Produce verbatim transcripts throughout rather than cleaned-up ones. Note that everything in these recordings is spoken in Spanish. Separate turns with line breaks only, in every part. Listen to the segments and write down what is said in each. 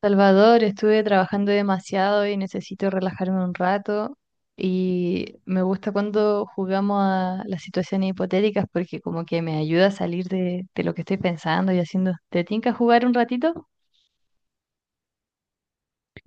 Salvador, estuve trabajando demasiado y necesito relajarme un rato. Y me gusta cuando jugamos a las situaciones hipotéticas porque como que me ayuda a salir de, de lo que estoy pensando y haciendo. ¿Te tinca jugar un ratito?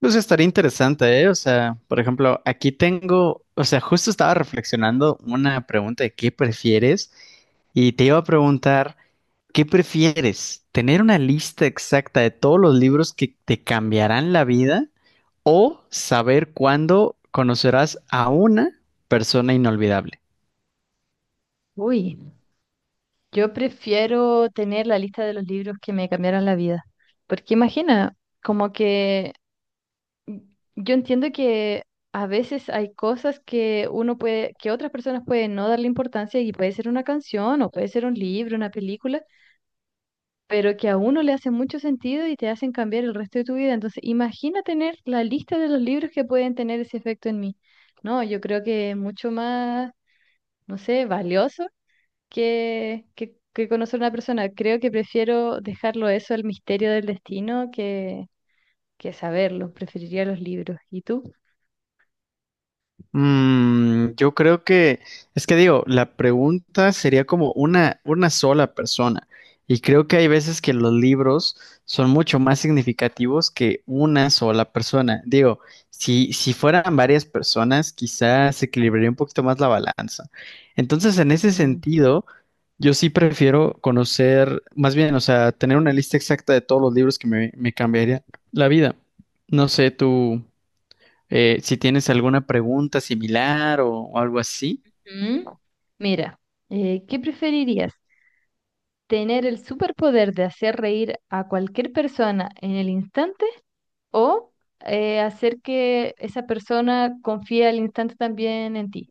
Pues estaría interesante, ¿eh? O sea, por ejemplo, aquí tengo, o sea, justo estaba reflexionando una pregunta de qué prefieres y te iba a preguntar, ¿qué prefieres? ¿Tener una lista exacta de todos los libros que te cambiarán la vida o saber cuándo conocerás a una persona inolvidable?
Uy, yo prefiero tener la lista de los libros que me cambiaron la vida. Porque imagina, como que yo entiendo que a veces hay cosas que uno puede, que otras personas pueden no darle importancia y puede ser una canción o puede ser un libro, una película pero que a uno le hace mucho sentido y te hacen cambiar el resto de tu vida. Entonces, imagina tener la lista de los libros que pueden tener ese efecto en mí. No, yo creo que es mucho más, no sé, valioso que, que, que conocer a una persona. Creo que prefiero dejarlo eso al misterio del destino que, que saberlo. Preferiría los libros. ¿Y tú?
Mm, yo creo que, es que digo, la pregunta sería como una, una sola persona. Y creo que hay veces que los libros son mucho más significativos que una sola persona. Digo, si, si fueran varias personas, quizás se equilibraría un poquito más la balanza. Entonces, en ese
Mm.
sentido, yo sí prefiero conocer, más bien, o sea, tener una lista exacta de todos los libros que me, me cambiaría la vida. No sé, tú. Eh, si tienes alguna pregunta similar o, o algo así.
Mm. Mira, eh, ¿qué preferirías? ¿Tener el superpoder de hacer reír a cualquier persona en el instante, o eh, hacer que esa persona confíe al instante también en ti?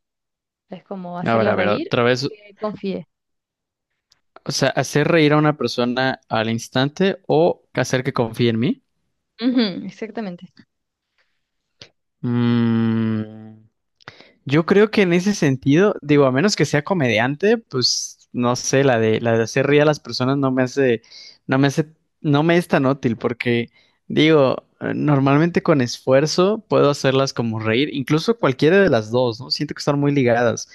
Es como
A ver,
hacerla
a ver,
reír
otra
o
vez.
que confíe.
O sea, hacer reír a una persona al instante o hacer que confíe en mí.
Ujú, exactamente.
Mm, Yo creo que en ese sentido, digo, a menos que sea comediante, pues no sé, la de la de hacer reír a las personas no me hace, no me hace, no me es tan útil porque digo, eh, normalmente con esfuerzo puedo hacerlas como reír, incluso cualquiera de las dos, ¿no? Siento que están muy ligadas.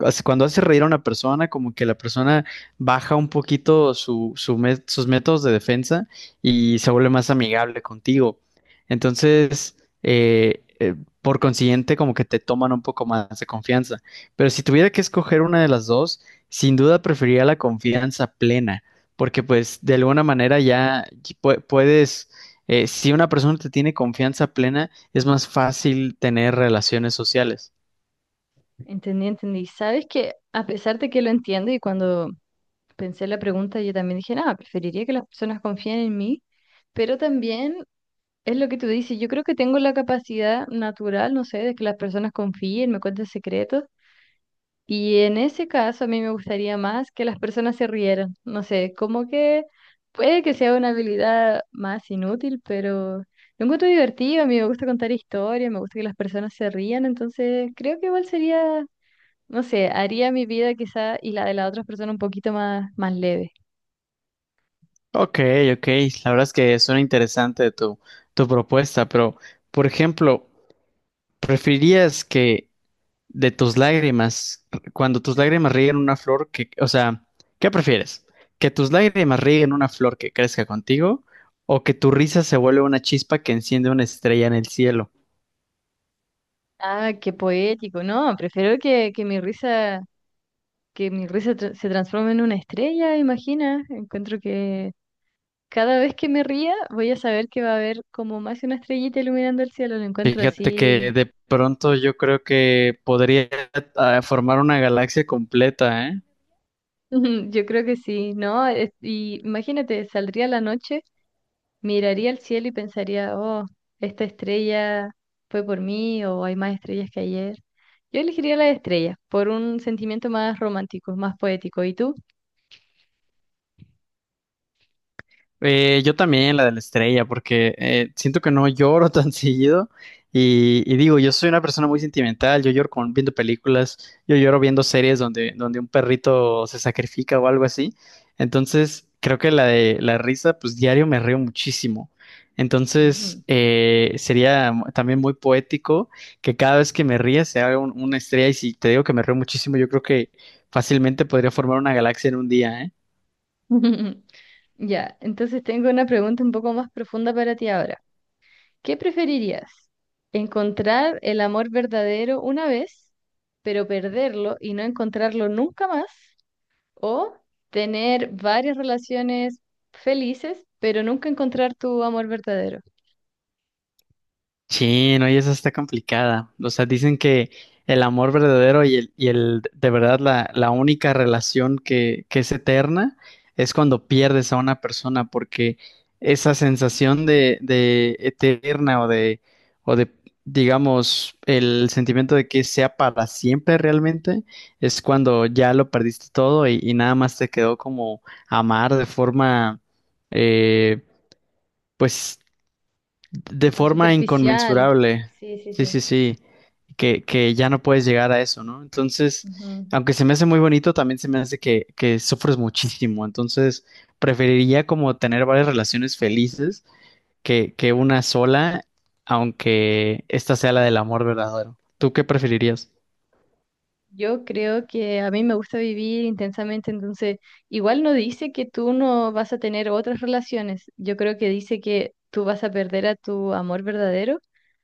Hace- Cuando hace reír a una persona, como que la persona baja un poquito su, su met- sus métodos de defensa y se vuelve más amigable contigo. Entonces, eh, eh, por consiguiente, como que te toman un poco más de confianza. Pero si tuviera que escoger una de las dos, sin duda preferiría la confianza plena, porque pues de alguna manera ya pu- puedes, eh, si una persona te tiene confianza plena, es más fácil tener relaciones sociales.
Entendí, entendí. Sabes que a pesar de que lo entiendo y cuando pensé la pregunta yo también dije, nada, preferiría que las personas confíen en mí, pero también es lo que tú dices, yo creo que tengo la capacidad natural, no sé, de que las personas confíen, me cuenten secretos. Y en ese caso a mí me gustaría más que las personas se rieran. No sé, como que puede que sea una habilidad más inútil, pero lo encuentro divertido. A mí me gusta contar historias, me gusta que las personas se rían, entonces creo que igual sería, no sé, haría mi vida quizá y la de las otras personas un poquito más, más leve.
Ok, ok, la verdad es que suena interesante tu, tu propuesta, pero por ejemplo, ¿preferirías que de tus lágrimas, cuando tus lágrimas rieguen una flor que, o sea, qué prefieres? ¿Que tus lágrimas rieguen una flor que crezca contigo o que tu risa se vuelva una chispa que enciende una estrella en el cielo?
Ah, qué poético. No, prefiero que, que mi risa, que mi risa tr- se transforme en una estrella, imagina. Encuentro que cada vez que me ría, voy a saber que va a haber como más una estrellita iluminando el cielo. Lo encuentro
Fíjate que
así.
de pronto yo creo que podría, ah, formar una galaxia completa, ¿eh?
Yo creo que sí, ¿no? Es- Y imagínate, saldría a la noche, miraría al cielo y pensaría, oh, esta estrella fue por mí o hay más estrellas que ayer. Yo elegiría las estrellas por un sentimiento más romántico, más poético. ¿Y tú?
Eh, yo también, la de la estrella, porque eh, siento que no lloro tan seguido. Y, y digo, yo soy una persona muy sentimental, yo lloro con, viendo películas, yo lloro viendo series donde, donde un perrito se sacrifica o algo así. Entonces, creo que la de la risa, pues diario me río muchísimo.
Ujú.
Entonces, eh, sería mu- también muy poético que cada vez que me ría se haga un- una estrella. Y si te digo que me río muchísimo, yo creo que fácilmente podría formar una galaxia en un día, ¿eh?
Ya, entonces tengo una pregunta un poco más profunda para ti ahora. ¿Qué preferirías? ¿Encontrar el amor verdadero una vez, pero perderlo y no encontrarlo nunca más? ¿O tener varias relaciones felices, pero nunca encontrar tu amor verdadero?
Sí, no, y esa está complicada. O sea, dicen que el amor verdadero y el, y el de verdad la, la única relación que, que es eterna es cuando pierdes a una persona, porque esa sensación de, de eterna o de, o de, digamos, el sentimiento de que sea para siempre realmente, es cuando ya lo perdiste todo y, y nada más te quedó como amar de forma eh, pues de
Más
forma
superficial.
inconmensurable.
Sí, sí,
Sí,
sí.
sí, sí. Que, que ya no puedes llegar a eso, ¿no? Entonces,
Ujú.
aunque se me hace muy bonito, también se me hace que, que sufres muchísimo. Entonces, preferiría como tener varias relaciones felices que, que una sola, aunque esta sea la del amor verdadero. ¿Tú qué preferirías?
Yo creo que a mí me gusta vivir intensamente, entonces igual no dice que tú no vas a tener otras relaciones, yo creo que dice que tú vas a perder a tu amor verdadero,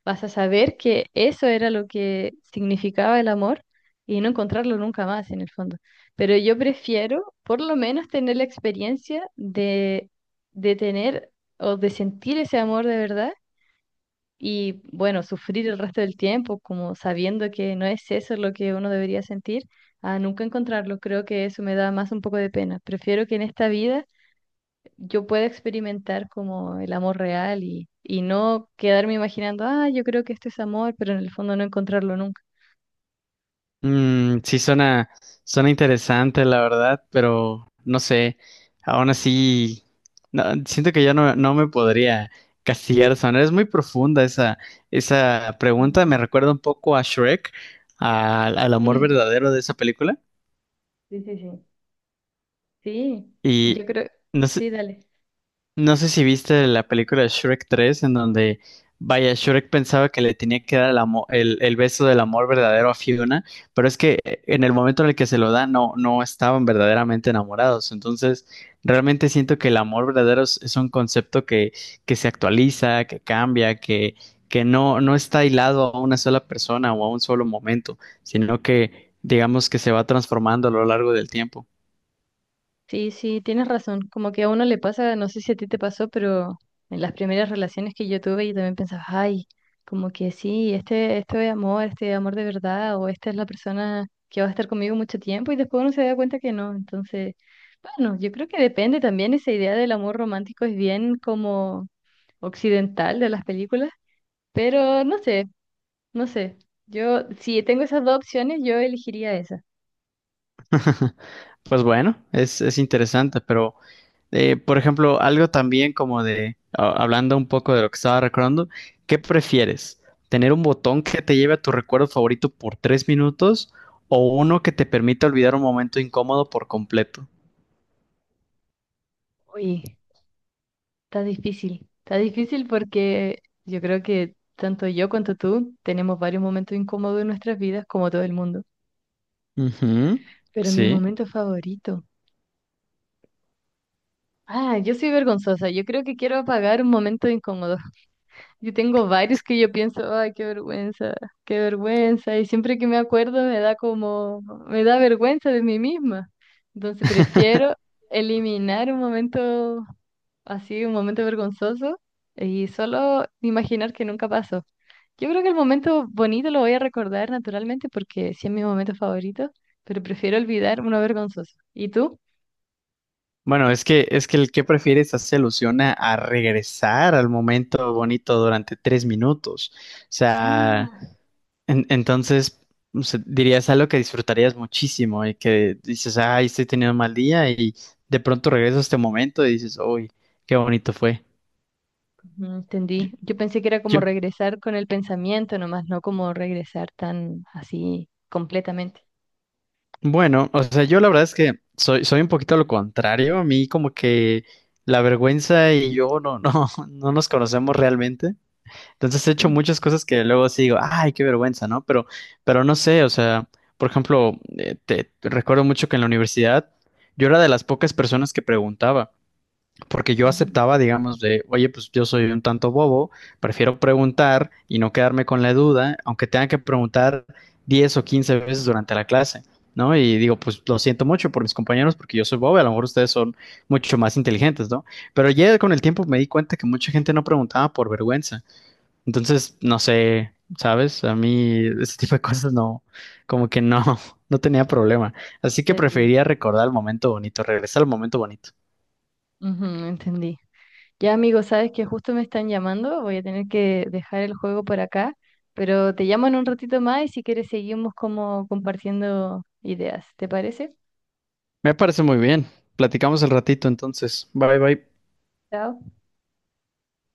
vas a saber que eso era lo que significaba el amor y no encontrarlo nunca más en el fondo. Pero yo prefiero por lo menos tener la experiencia de, de tener o de sentir ese amor de verdad y bueno, sufrir el resto del tiempo, como sabiendo que no es eso lo que uno debería sentir, a nunca encontrarlo. Creo que eso me da más un poco de pena. Prefiero que en esta vida yo pueda experimentar como el amor real y, y no quedarme imaginando, ah, yo creo que esto es amor, pero en el fondo no encontrarlo nunca.
Mm, sí, suena, suena interesante, la verdad, pero no sé, aún así, no, siento que yo no, no me podría castigar, son, es muy profunda esa, esa pregunta,
Ujú.
me recuerda un poco a Shrek, al al amor verdadero de esa película,
Sí, sí, sí. Sí,
y
yo creo,
no sé,
sí, dale.
no sé si viste la película Shrek tres en donde, vaya, Shrek pensaba que le tenía que dar el, amo- el, el beso del amor verdadero a Fiona, pero es que eh, en el momento en el que se lo da, no, no estaban verdaderamente enamorados. Entonces, realmente siento que el amor verdadero es, es un concepto que, que se actualiza, que cambia, que, que no, no está hilado a una sola persona o a un solo momento, sino que digamos que se va transformando a lo largo del tiempo.
Sí, sí, tienes razón. Como que a uno le pasa, no sé si a ti te pasó, pero en las primeras relaciones que yo tuve, yo también pensaba, ay, como que sí, este, esto es amor, este es amor de verdad, o esta es la persona que va a estar conmigo mucho tiempo, y después uno se da cuenta que no. Entonces, bueno, yo creo que depende también esa idea del amor romántico, es bien como occidental de las películas, pero no sé, no sé. Yo, si tengo esas dos opciones, yo elegiría esa.
Pues bueno, es, es interesante, pero eh, por ejemplo, algo también como de, a- hablando un poco de lo que estaba recordando, ¿qué prefieres? ¿Tener un botón que te lleve a tu recuerdo favorito por tres minutos o uno que te permita olvidar un momento incómodo por completo?
Uy. Está difícil, está difícil porque yo creo que tanto yo cuanto tú tenemos varios momentos incómodos en nuestras vidas, como todo el mundo.
Ujú.
Pero mi
Sí.
momento favorito. Ah, yo soy vergonzosa. Yo creo que quiero apagar un momento incómodo. Yo tengo varios que yo pienso, ay, qué vergüenza, qué vergüenza. Y siempre que me acuerdo me da como, me da vergüenza de mí misma. Entonces prefiero eliminar un momento así un momento vergonzoso y solo imaginar que nunca pasó. Yo creo que el momento bonito lo voy a recordar naturalmente porque sí es mi momento favorito, pero prefiero olvidar uno vergonzoso. ¿Y tú?
Bueno, es que, es que el que prefieres hace alusión a, a regresar al momento bonito durante tres minutos. O sea, En- entonces, o sea, dirías algo que disfrutarías muchísimo y que dices, ay, estoy teniendo un mal día y de pronto regreso a este momento y dices, uy, qué bonito fue.
Ujú,
Yo,
entendí. Yo pensé que era como
yo-
regresar con el pensamiento nomás, no como regresar tan así completamente.
bueno, o sea, yo la verdad es que soy, soy un poquito lo contrario. A mí como que la vergüenza y yo no, no, no nos conocemos realmente. Entonces he hecho muchas cosas que luego sí digo, ay, qué vergüenza, ¿no? Pero, pero no sé, o sea, por ejemplo, eh, te te recuerdo mucho que en la universidad yo era de las pocas personas que preguntaba. Porque yo
Mm, ujú.
aceptaba, digamos, de, oye, pues yo soy un tanto bobo, prefiero preguntar y no quedarme con la duda, aunque tenga que preguntar diez o quince veces durante la clase, ¿no? Y digo, pues lo siento mucho por mis compañeros porque yo soy bobo, y a lo mejor ustedes son mucho más inteligentes, ¿no? Pero ya con el tiempo me di cuenta que mucha gente no preguntaba por vergüenza. Entonces, no sé, ¿sabes? A mí ese tipo de cosas no, como que no, no tenía problema. Así que
Entendí.
preferiría recordar el momento bonito, regresar al momento bonito.
Ujú, entendí. Ya, amigo, sabes que justo me están llamando, voy a tener que dejar el juego por acá, pero te llamo en un ratito más y si quieres seguimos como compartiendo ideas, ¿te parece?
Me parece muy bien. Platicamos el ratito entonces. Bye bye.
Chao.